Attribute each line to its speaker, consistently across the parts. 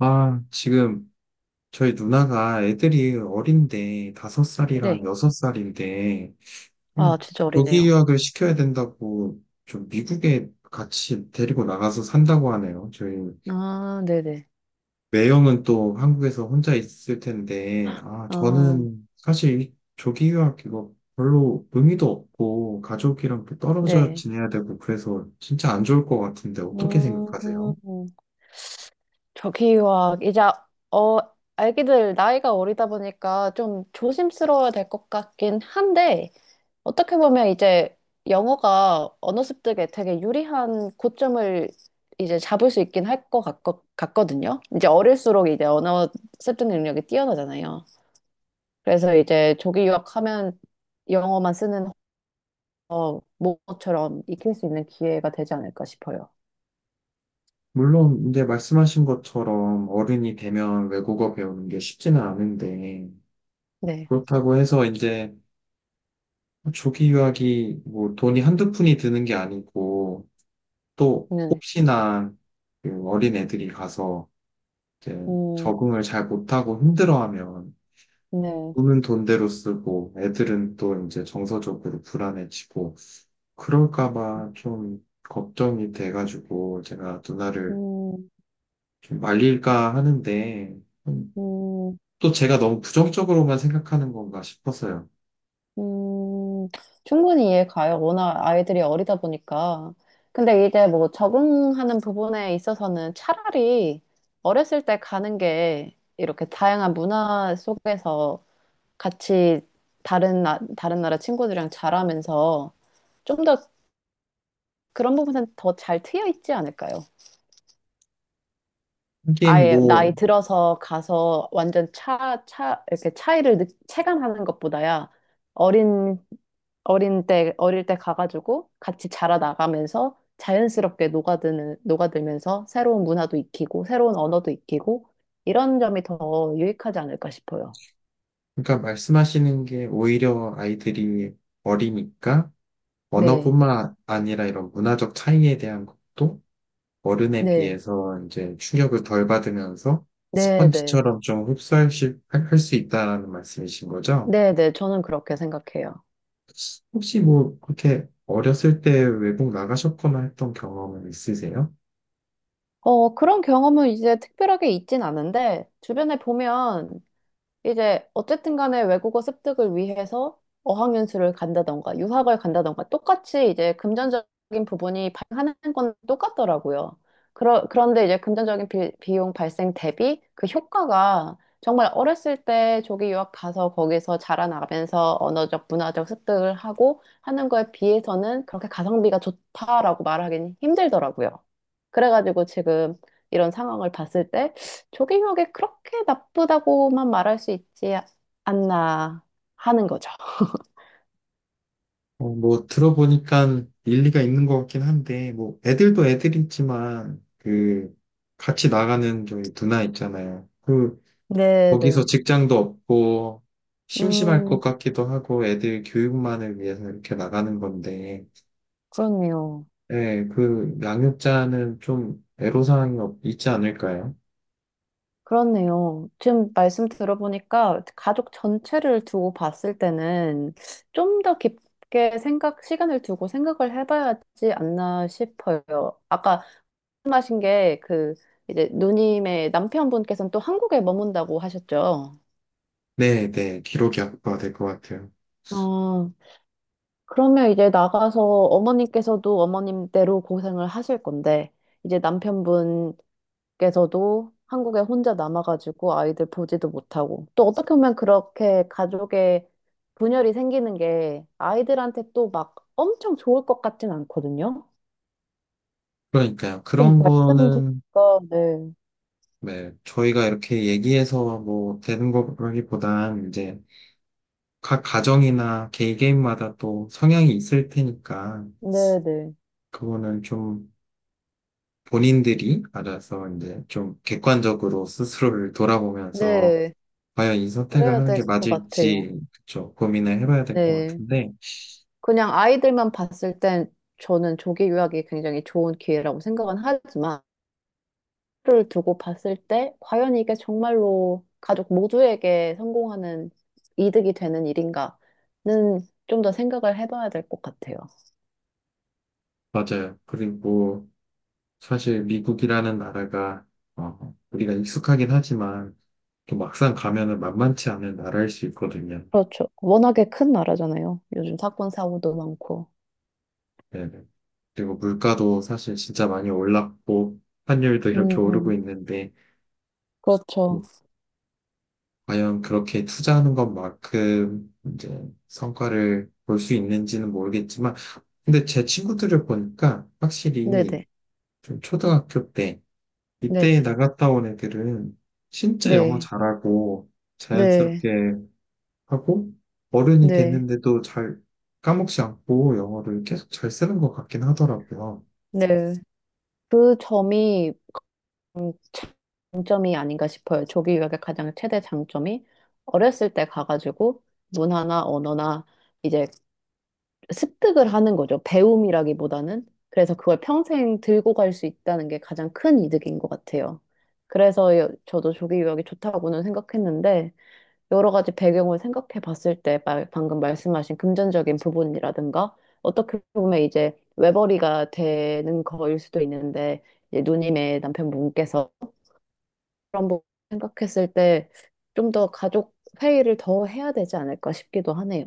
Speaker 1: 아, 지금 저희 누나가 애들이 어린데, 다섯 살이랑
Speaker 2: 네.
Speaker 1: 여섯 살인데, 음,
Speaker 2: 아, 진짜
Speaker 1: 조기
Speaker 2: 어리네요.
Speaker 1: 유학을 시켜야 된다고 좀 미국에 같이 데리고 나가서 산다고 하네요. 저희
Speaker 2: 아, 네네.
Speaker 1: 매형은 또 한국에서 혼자 있을 텐데, 아,
Speaker 2: 아,
Speaker 1: 저는 사실 이 조기 유학 이거 별로 의미도 없고, 가족이랑 또 떨어져
Speaker 2: 네.
Speaker 1: 지내야 되고, 그래서 진짜 안 좋을 것 같은데, 어떻게 생각하세요?
Speaker 2: 음, 저기와 이제, 어, 아기들 나이가 어리다 보니까 좀 조심스러워야 될 것 같긴 한데, 어떻게 보면 이제 영어가 언어 습득에 되게 유리한 고점을 이제 잡을 수 있긴 할 것 같거든요. 이제 어릴수록 이제 언어 습득 능력이 뛰어나잖아요. 그래서 이제 조기 유학하면 영어만 쓰는 모처럼 익힐 수 있는 기회가 되지 않을까 싶어요.
Speaker 1: 물론 이제 말씀하신 것처럼 어른이 되면 외국어 배우는 게 쉽지는 않은데,
Speaker 2: 네,
Speaker 1: 그렇다고 해서 이제 조기 유학이 뭐 돈이 한두 푼이 드는 게 아니고, 또
Speaker 2: 네,
Speaker 1: 혹시나 그 어린 애들이 가서 이제
Speaker 2: 음,
Speaker 1: 적응을 잘 못하고 힘들어하면
Speaker 2: 네,
Speaker 1: 돈은 돈대로 쓰고 애들은 또 이제 정서적으로 불안해지고 그럴까 봐 좀 걱정이 돼가지고 제가 누나를
Speaker 2: 음,
Speaker 1: 좀 말릴까 하는데, 음,
Speaker 2: 음.
Speaker 1: 또 제가 너무 부정적으로만 생각하는 건가 싶었어요.
Speaker 2: 음, 충분히 이해 가요. 워낙 아이들이 어리다 보니까. 근데 이제 뭐 적응하는 부분에 있어서는 차라리 어렸을 때 가는 게 이렇게 다양한 문화 속에서 같이 다른 나라 친구들이랑 자라면서 좀 더 그런 부분은 더 잘 트여 있지 않을까요?
Speaker 1: 하긴
Speaker 2: 아예 나이
Speaker 1: 뭐,
Speaker 2: 들어서 가서 완전 이렇게 차이를 체감하는 것보다야 어린, 어릴 때 가가지고 같이 자라나가면서 자연스럽게 녹아들면서 새로운 문화도 익히고 새로운 언어도 익히고 이런 점이 더 유익하지 않을까 싶어요.
Speaker 1: 그러니까 말씀하시는 게 오히려 아이들이 어리니까
Speaker 2: 네,
Speaker 1: 언어뿐만 아니라 이런 문화적 차이에 대한 것도 어른에
Speaker 2: 네,
Speaker 1: 비해서 이제 충격을 덜 받으면서
Speaker 2: 네, 네.
Speaker 1: 스펀지처럼 좀 흡수할 수, 할수 있다라는 말씀이신 거죠?
Speaker 2: 네, 네. 저는 그렇게 생각해요.
Speaker 1: 혹시 뭐 그렇게 어렸을 때 외국 나가셨거나 했던 경험은 있으세요?
Speaker 2: 그런 경험은 이제 특별하게 있진 않은데 주변에 보면 이제 어쨌든 간에 외국어 습득을 위해서 어학연수를 간다던가 유학을 간다던가 똑같이 이제 금전적인 부분이 발생하는 건 똑같더라고요. 그런데 이제 금전적인 비용 발생 대비 그 효과가 정말 어렸을 때 조기 유학 가서 거기서 자라나면서 언어적, 문화적 습득을 하고 하는 거에 비해서는 그렇게 가성비가 좋다라고 말하기는 힘들더라고요. 그래가지고 지금 이런 상황을 봤을 때 조경혁이 그렇게 나쁘다고만 말할 수 있지 않나 하는 거죠.
Speaker 1: 뭐 들어보니까 일리가 있는 것 같긴 한데 뭐 애들도 애들이지만 그 같이 나가는 저희 누나 있잖아요. 그 거기서
Speaker 2: 네네.
Speaker 1: 직장도 없고 심심할 것
Speaker 2: 음,
Speaker 1: 같기도 하고 애들 교육만을 위해서 이렇게 나가는 건데,
Speaker 2: 그렇네요.
Speaker 1: 네, 그 양육자는 좀 애로사항이 있지 않을까요?
Speaker 2: 그렇네요. 지금 말씀 들어보니까 가족 전체를 두고 봤을 때는 좀 더 깊게 생각, 시간을 두고 생각을 해봐야지 않나 싶어요. 아까 말씀하신 게 그 이제 누님의 남편분께서는 또 한국에 머문다고 하셨죠.
Speaker 1: 네, 네, 기록이 악화가 될 것 같아요.
Speaker 2: 어, 그러면 이제 나가서 어머님께서도 어머님대로 고생을 하실 건데, 이제 남편분께서도 한국에 혼자 남아가지고 아이들 보지도 못하고, 또 어떻게 보면 그렇게 가족의 분열이 생기는 게 아이들한테 또 막 엄청 좋을 것 같진 않거든요?
Speaker 1: 그러니까요.
Speaker 2: 지금
Speaker 1: 그런
Speaker 2: 말씀
Speaker 1: 거는,
Speaker 2: 드니까, 네.
Speaker 1: 네, 저희가 이렇게 얘기해서 뭐 되는 거라기보단 이제 각 가정이나 개인 개인마다 또 성향이 있을 테니까
Speaker 2: 네네.
Speaker 1: 그거는 좀 본인들이 알아서 이제 좀 객관적으로 스스로를 돌아보면서
Speaker 2: 네.
Speaker 1: 과연 이 선택을
Speaker 2: 그래야
Speaker 1: 하는
Speaker 2: 될
Speaker 1: 게
Speaker 2: 것 같아요.
Speaker 1: 맞을지, 그쵸, 고민을 해봐야 될 것
Speaker 2: 네.
Speaker 1: 같은데.
Speaker 2: 그냥 아이들만 봤을 땐 저는 조기 유학이 굉장히 좋은 기회라고 생각은 하지만, 를 두고 봤을 때 과연 이게 정말로 가족 모두에게 성공하는 이득이 되는 일인가는 좀 더 생각을 해봐야 될 것 같아요.
Speaker 1: 맞아요. 그리고 사실 미국이라는 나라가 우리가 익숙하긴 하지만 또 막상 가면은 만만치 않은 나라일 수 있거든요.
Speaker 2: 그렇죠. 워낙에 큰 나라잖아요. 요즘 사건 사고도 많고.
Speaker 1: 네네. 그리고 물가도 사실 진짜 많이 올랐고 환율도
Speaker 2: 음,
Speaker 1: 이렇게 오르고
Speaker 2: 음.
Speaker 1: 있는데
Speaker 2: 그렇죠.
Speaker 1: 과연 그렇게 투자하는 것만큼 이제 성과를 볼 수 있는지는 모르겠지만, 근데 제 친구들을 보니까 확실히
Speaker 2: 네네.
Speaker 1: 좀 초등학교 때, 이때
Speaker 2: 네.
Speaker 1: 나갔다 온 애들은 진짜 영어
Speaker 2: 네.
Speaker 1: 잘하고
Speaker 2: 네.
Speaker 1: 자연스럽게 하고 어른이
Speaker 2: 네.
Speaker 1: 됐는데도 잘 까먹지 않고 영어를 계속 잘 쓰는 것 같긴 하더라고요.
Speaker 2: 네. 그 점이 음, 장점이 아닌가 싶어요. 조기 유학의 가장 최대 장점이 어렸을 때 가가지고 문화나 언어나 이제 습득을 하는 거죠. 배움이라기보다는. 그래서 그걸 평생 들고 갈 수 있다는 게 가장 큰 이득인 것 같아요. 그래서 저도 조기 유학이 좋다고는 생각했는데, 여러 가지 배경을 생각해 봤을 때, 방금 말씀하신 금전적인 부분이라든가, 어떻게 보면 이제 외벌이가 되는 거일 수도 있는데, 이제 누님의 남편분께서 그런 부분 생각했을 때, 좀 더 가족 회의를 더 해야 되지 않을까 싶기도 하네요.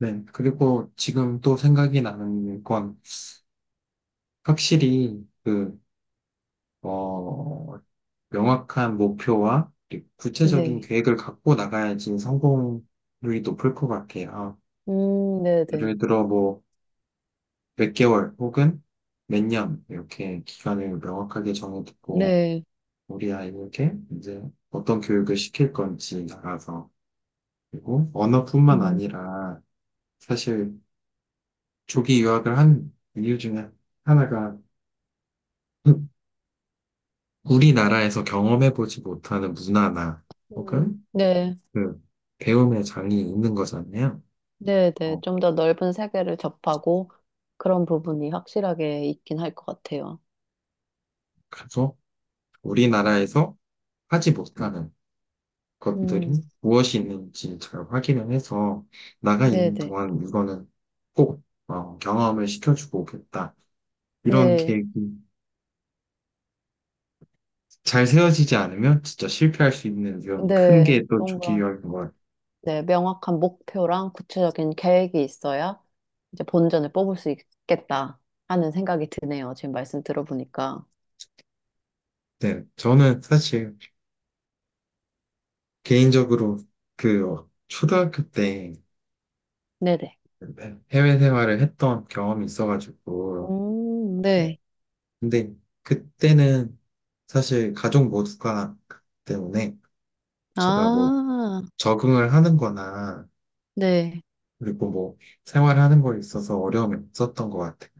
Speaker 1: 네. 그리고 지금 또 생각이 나는 건 확실히 그, 어, 명확한 목표와 구체적인
Speaker 2: 네.
Speaker 1: 계획을 갖고 나가야지 성공률이 높을 것 같아요. 아,
Speaker 2: 네네.
Speaker 1: 예를 들어 뭐 몇 개월 혹은 몇 년 이렇게 기간을 명확하게 정해두고
Speaker 2: 네.
Speaker 1: 우리 아이에게 이제 어떤 교육을 시킬 건지 나가서, 그리고 언어뿐만
Speaker 2: 음,
Speaker 1: 아니라 사실 조기 유학을 한 이유 중에 하나가 우리나라에서 경험해보지 못하는 문화나 혹은
Speaker 2: 네,
Speaker 1: 그 배움의 장이 있는 거잖아요.
Speaker 2: 네, 네.
Speaker 1: 어,
Speaker 2: 좀 더 넓은 세계를 접하고 그런 부분이 확실하게 있긴 할 것 같아요.
Speaker 1: 가서 우리나라에서 하지 못하는
Speaker 2: 음,
Speaker 1: 것들이 무엇이 있는지 잘 확인을 해서 나가
Speaker 2: 네,
Speaker 1: 있는
Speaker 2: 네.
Speaker 1: 동안 이거는 꼭, 경험을 시켜주고 오겠다. 이런
Speaker 2: 네,
Speaker 1: 계획이 잘 세워지지 않으면 진짜 실패할 수 있는 이런 큰
Speaker 2: 네.
Speaker 1: 게 또
Speaker 2: 뭔가,
Speaker 1: 조기유학인 것 같아요.
Speaker 2: 네, 명확한 목표랑 구체적인 계획이 있어야 이제 본전을 뽑을 수 있겠다 하는 생각이 드네요. 지금 말씀 들어보니까.
Speaker 1: 네, 저는 사실 개인적으로 그 초등학교 때
Speaker 2: 네네.
Speaker 1: 해외 생활을 했던 경험이 있어가지고, 네.
Speaker 2: 네.
Speaker 1: 근데 그때는 사실 가족 모두가 때문에 제가 뭐
Speaker 2: 아,
Speaker 1: 적응을 하는 거나
Speaker 2: 네.
Speaker 1: 그리고 뭐 생활하는 거에 있어서 어려움이 없었던 것 같아요.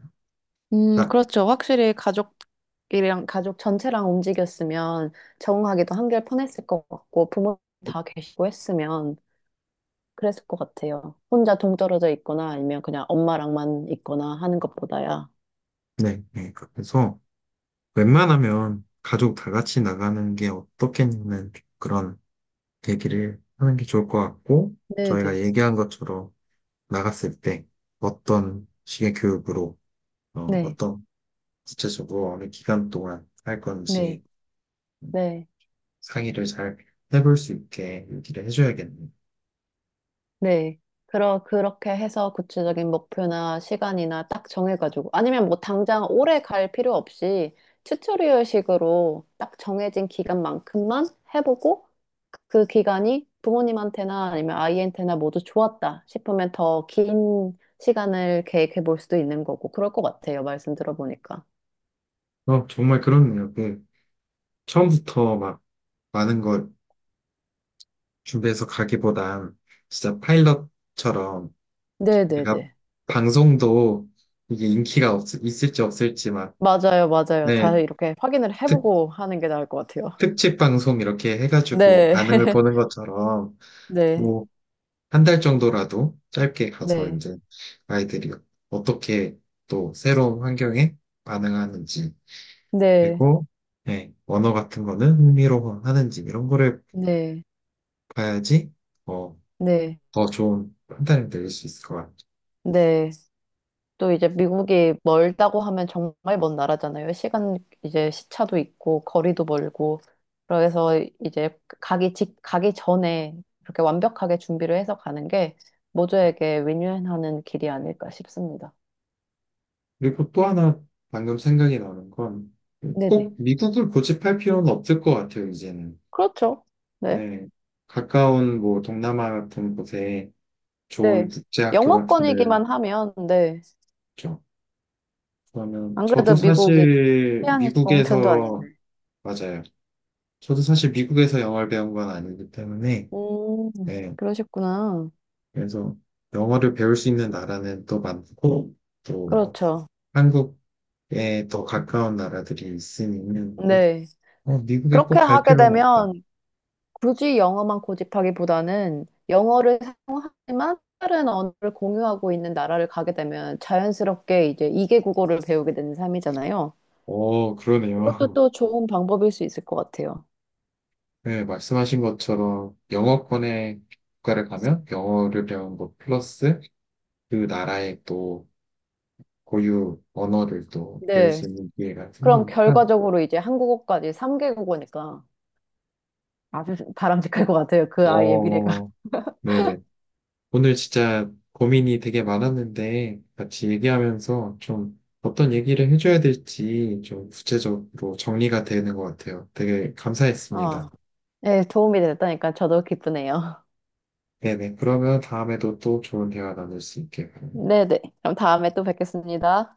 Speaker 1: 그러니까,
Speaker 2: 그렇죠. 확실히 가족이랑 가족 전체랑 움직였으면 적응하기도 한결 편했을 것 같고 부모 다 계시고 했으면 그랬을 것 같아요. 혼자 동떨어져 있거나 아니면 그냥 엄마랑만 있거나 하는 것보다야.
Speaker 1: 네, 네. 그래서 웬만하면 가족 다 같이 나가는 게 어떻겠냐는 그런 얘기를 하는 게 좋을 것 같고, 저희가
Speaker 2: 네네.
Speaker 1: 얘기한 것처럼 나갔을 때 어떤 식의 교육으로,
Speaker 2: 네,
Speaker 1: 어떤 구체적으로 어느 기간 동안 할
Speaker 2: 네,
Speaker 1: 건지
Speaker 2: 네.
Speaker 1: 상의를 잘 해볼 수 있게 얘기를 해줘야겠네요.
Speaker 2: 네. 그렇게 해서 구체적인 목표나 시간이나 딱 정해가지고, 아니면 뭐 당장 오래 갈 필요 없이 튜토리얼식으로 딱 정해진 기간만큼만 해보고, 그 기간이 부모님한테나 아니면 아이한테나 모두 좋았다 싶으면 더 긴 시간을 계획해 볼 수도 있는 거고, 그럴 것 같아요. 말씀 들어보니까.
Speaker 1: 어, 정말 그렇네요. 그 처음부터 막 많은 걸 준비해서 가기보단 진짜 파일럿처럼, 우리가
Speaker 2: 네네네.
Speaker 1: 방송도 이게 인기가 있을지 없을지 막,
Speaker 2: 맞아요, 맞아요.
Speaker 1: 네,
Speaker 2: 다 이렇게 확인을
Speaker 1: 특,
Speaker 2: 해보고 하는 게 나을 것 같아요.
Speaker 1: 특집 방송 이렇게 해가지고
Speaker 2: 네.
Speaker 1: 반응을 보는 것처럼
Speaker 2: 네.
Speaker 1: 뭐 한 달 정도라도 짧게 가서
Speaker 2: 네.
Speaker 1: 이제 아이들이 어떻게 또 새로운 환경에 반응하는지,
Speaker 2: 네.
Speaker 1: 그리고, 네, 언어 같은 거는 흥미로워 하는지 이런 거를
Speaker 2: 네.
Speaker 1: 봐야지 어,
Speaker 2: 네,
Speaker 1: 더 좋은 판단을 내릴 수 있을 것 같아요.
Speaker 2: 네. 또 이제 미국이 멀다고 하면 정말 먼 나라잖아요. 시간 이제 시차도 있고 거리도 멀고 그래서 이제 가기 전에 그렇게 완벽하게 준비를 해서 가는 게 모두에게 윈윈하는 길이 아닐까 싶습니다.
Speaker 1: 그리고 또 하나 방금 생각이 나는 건
Speaker 2: 네네.
Speaker 1: 꼭 미국을 고집할 필요는 없을 것 같아요, 이제는.
Speaker 2: 그렇죠. 네.
Speaker 1: 예. 가까운 뭐 동남아 같은 곳에 좋은
Speaker 2: 네.
Speaker 1: 국제학교 같은 데를
Speaker 2: 영어권이기만 하면 네.
Speaker 1: 있죠. 그러면
Speaker 2: 안
Speaker 1: 저도
Speaker 2: 그래도 미국이
Speaker 1: 사실
Speaker 2: 치안이 좋은 편도
Speaker 1: 미국에서,
Speaker 2: 아닌데.
Speaker 1: 맞아요, 저도 사실 미국에서 영어를 배운 건 아니기 때문에.
Speaker 2: 음,
Speaker 1: 예.
Speaker 2: 그러셨구나.
Speaker 1: 그래서 영어를 배울 수 있는 나라는 또 많고 또
Speaker 2: 그렇죠.
Speaker 1: 한국에 더 가까운 나라들이 있으니 꼭,
Speaker 2: 네.
Speaker 1: 미국에 꼭
Speaker 2: 그렇게
Speaker 1: 갈
Speaker 2: 하게
Speaker 1: 필요는 없다.
Speaker 2: 되면 굳이 영어만 고집하기보다는 영어를 사용하지만 다른 언어를 공유하고 있는 나라를 가게 되면 자연스럽게 이제 2개 국어를 배우게 되는 삶이잖아요.
Speaker 1: 어,
Speaker 2: 그것도
Speaker 1: 그러네요.
Speaker 2: 또 좋은 방법일 수 있을 것 같아요.
Speaker 1: 네, 말씀하신 것처럼 영어권의 국가를 가면 영어를 배운 것 플러스 그 나라의 또 고유 언어를 또 배울
Speaker 2: 네.
Speaker 1: 수 있는 기회가
Speaker 2: 그럼
Speaker 1: 생기니까,
Speaker 2: 결과적으로 이제 한국어까지 3개 국어니까 아주 바람직할 것 같아요. 그 아이의 미래가.
Speaker 1: 어, 네네. 오늘 진짜 고민이 되게 많았는데 같이 얘기하면서 좀 어떤 얘기를 해줘야 될지 좀 구체적으로 정리가 되는 것 같아요. 되게
Speaker 2: 어,
Speaker 1: 감사했습니다.
Speaker 2: 네, 도움이 됐다니까 저도 기쁘네요.
Speaker 1: 네네. 그러면 다음에도 또 좋은 대화 나눌 수 있게 바랍니다.
Speaker 2: 네네. 그럼 다음에 또 뵙겠습니다.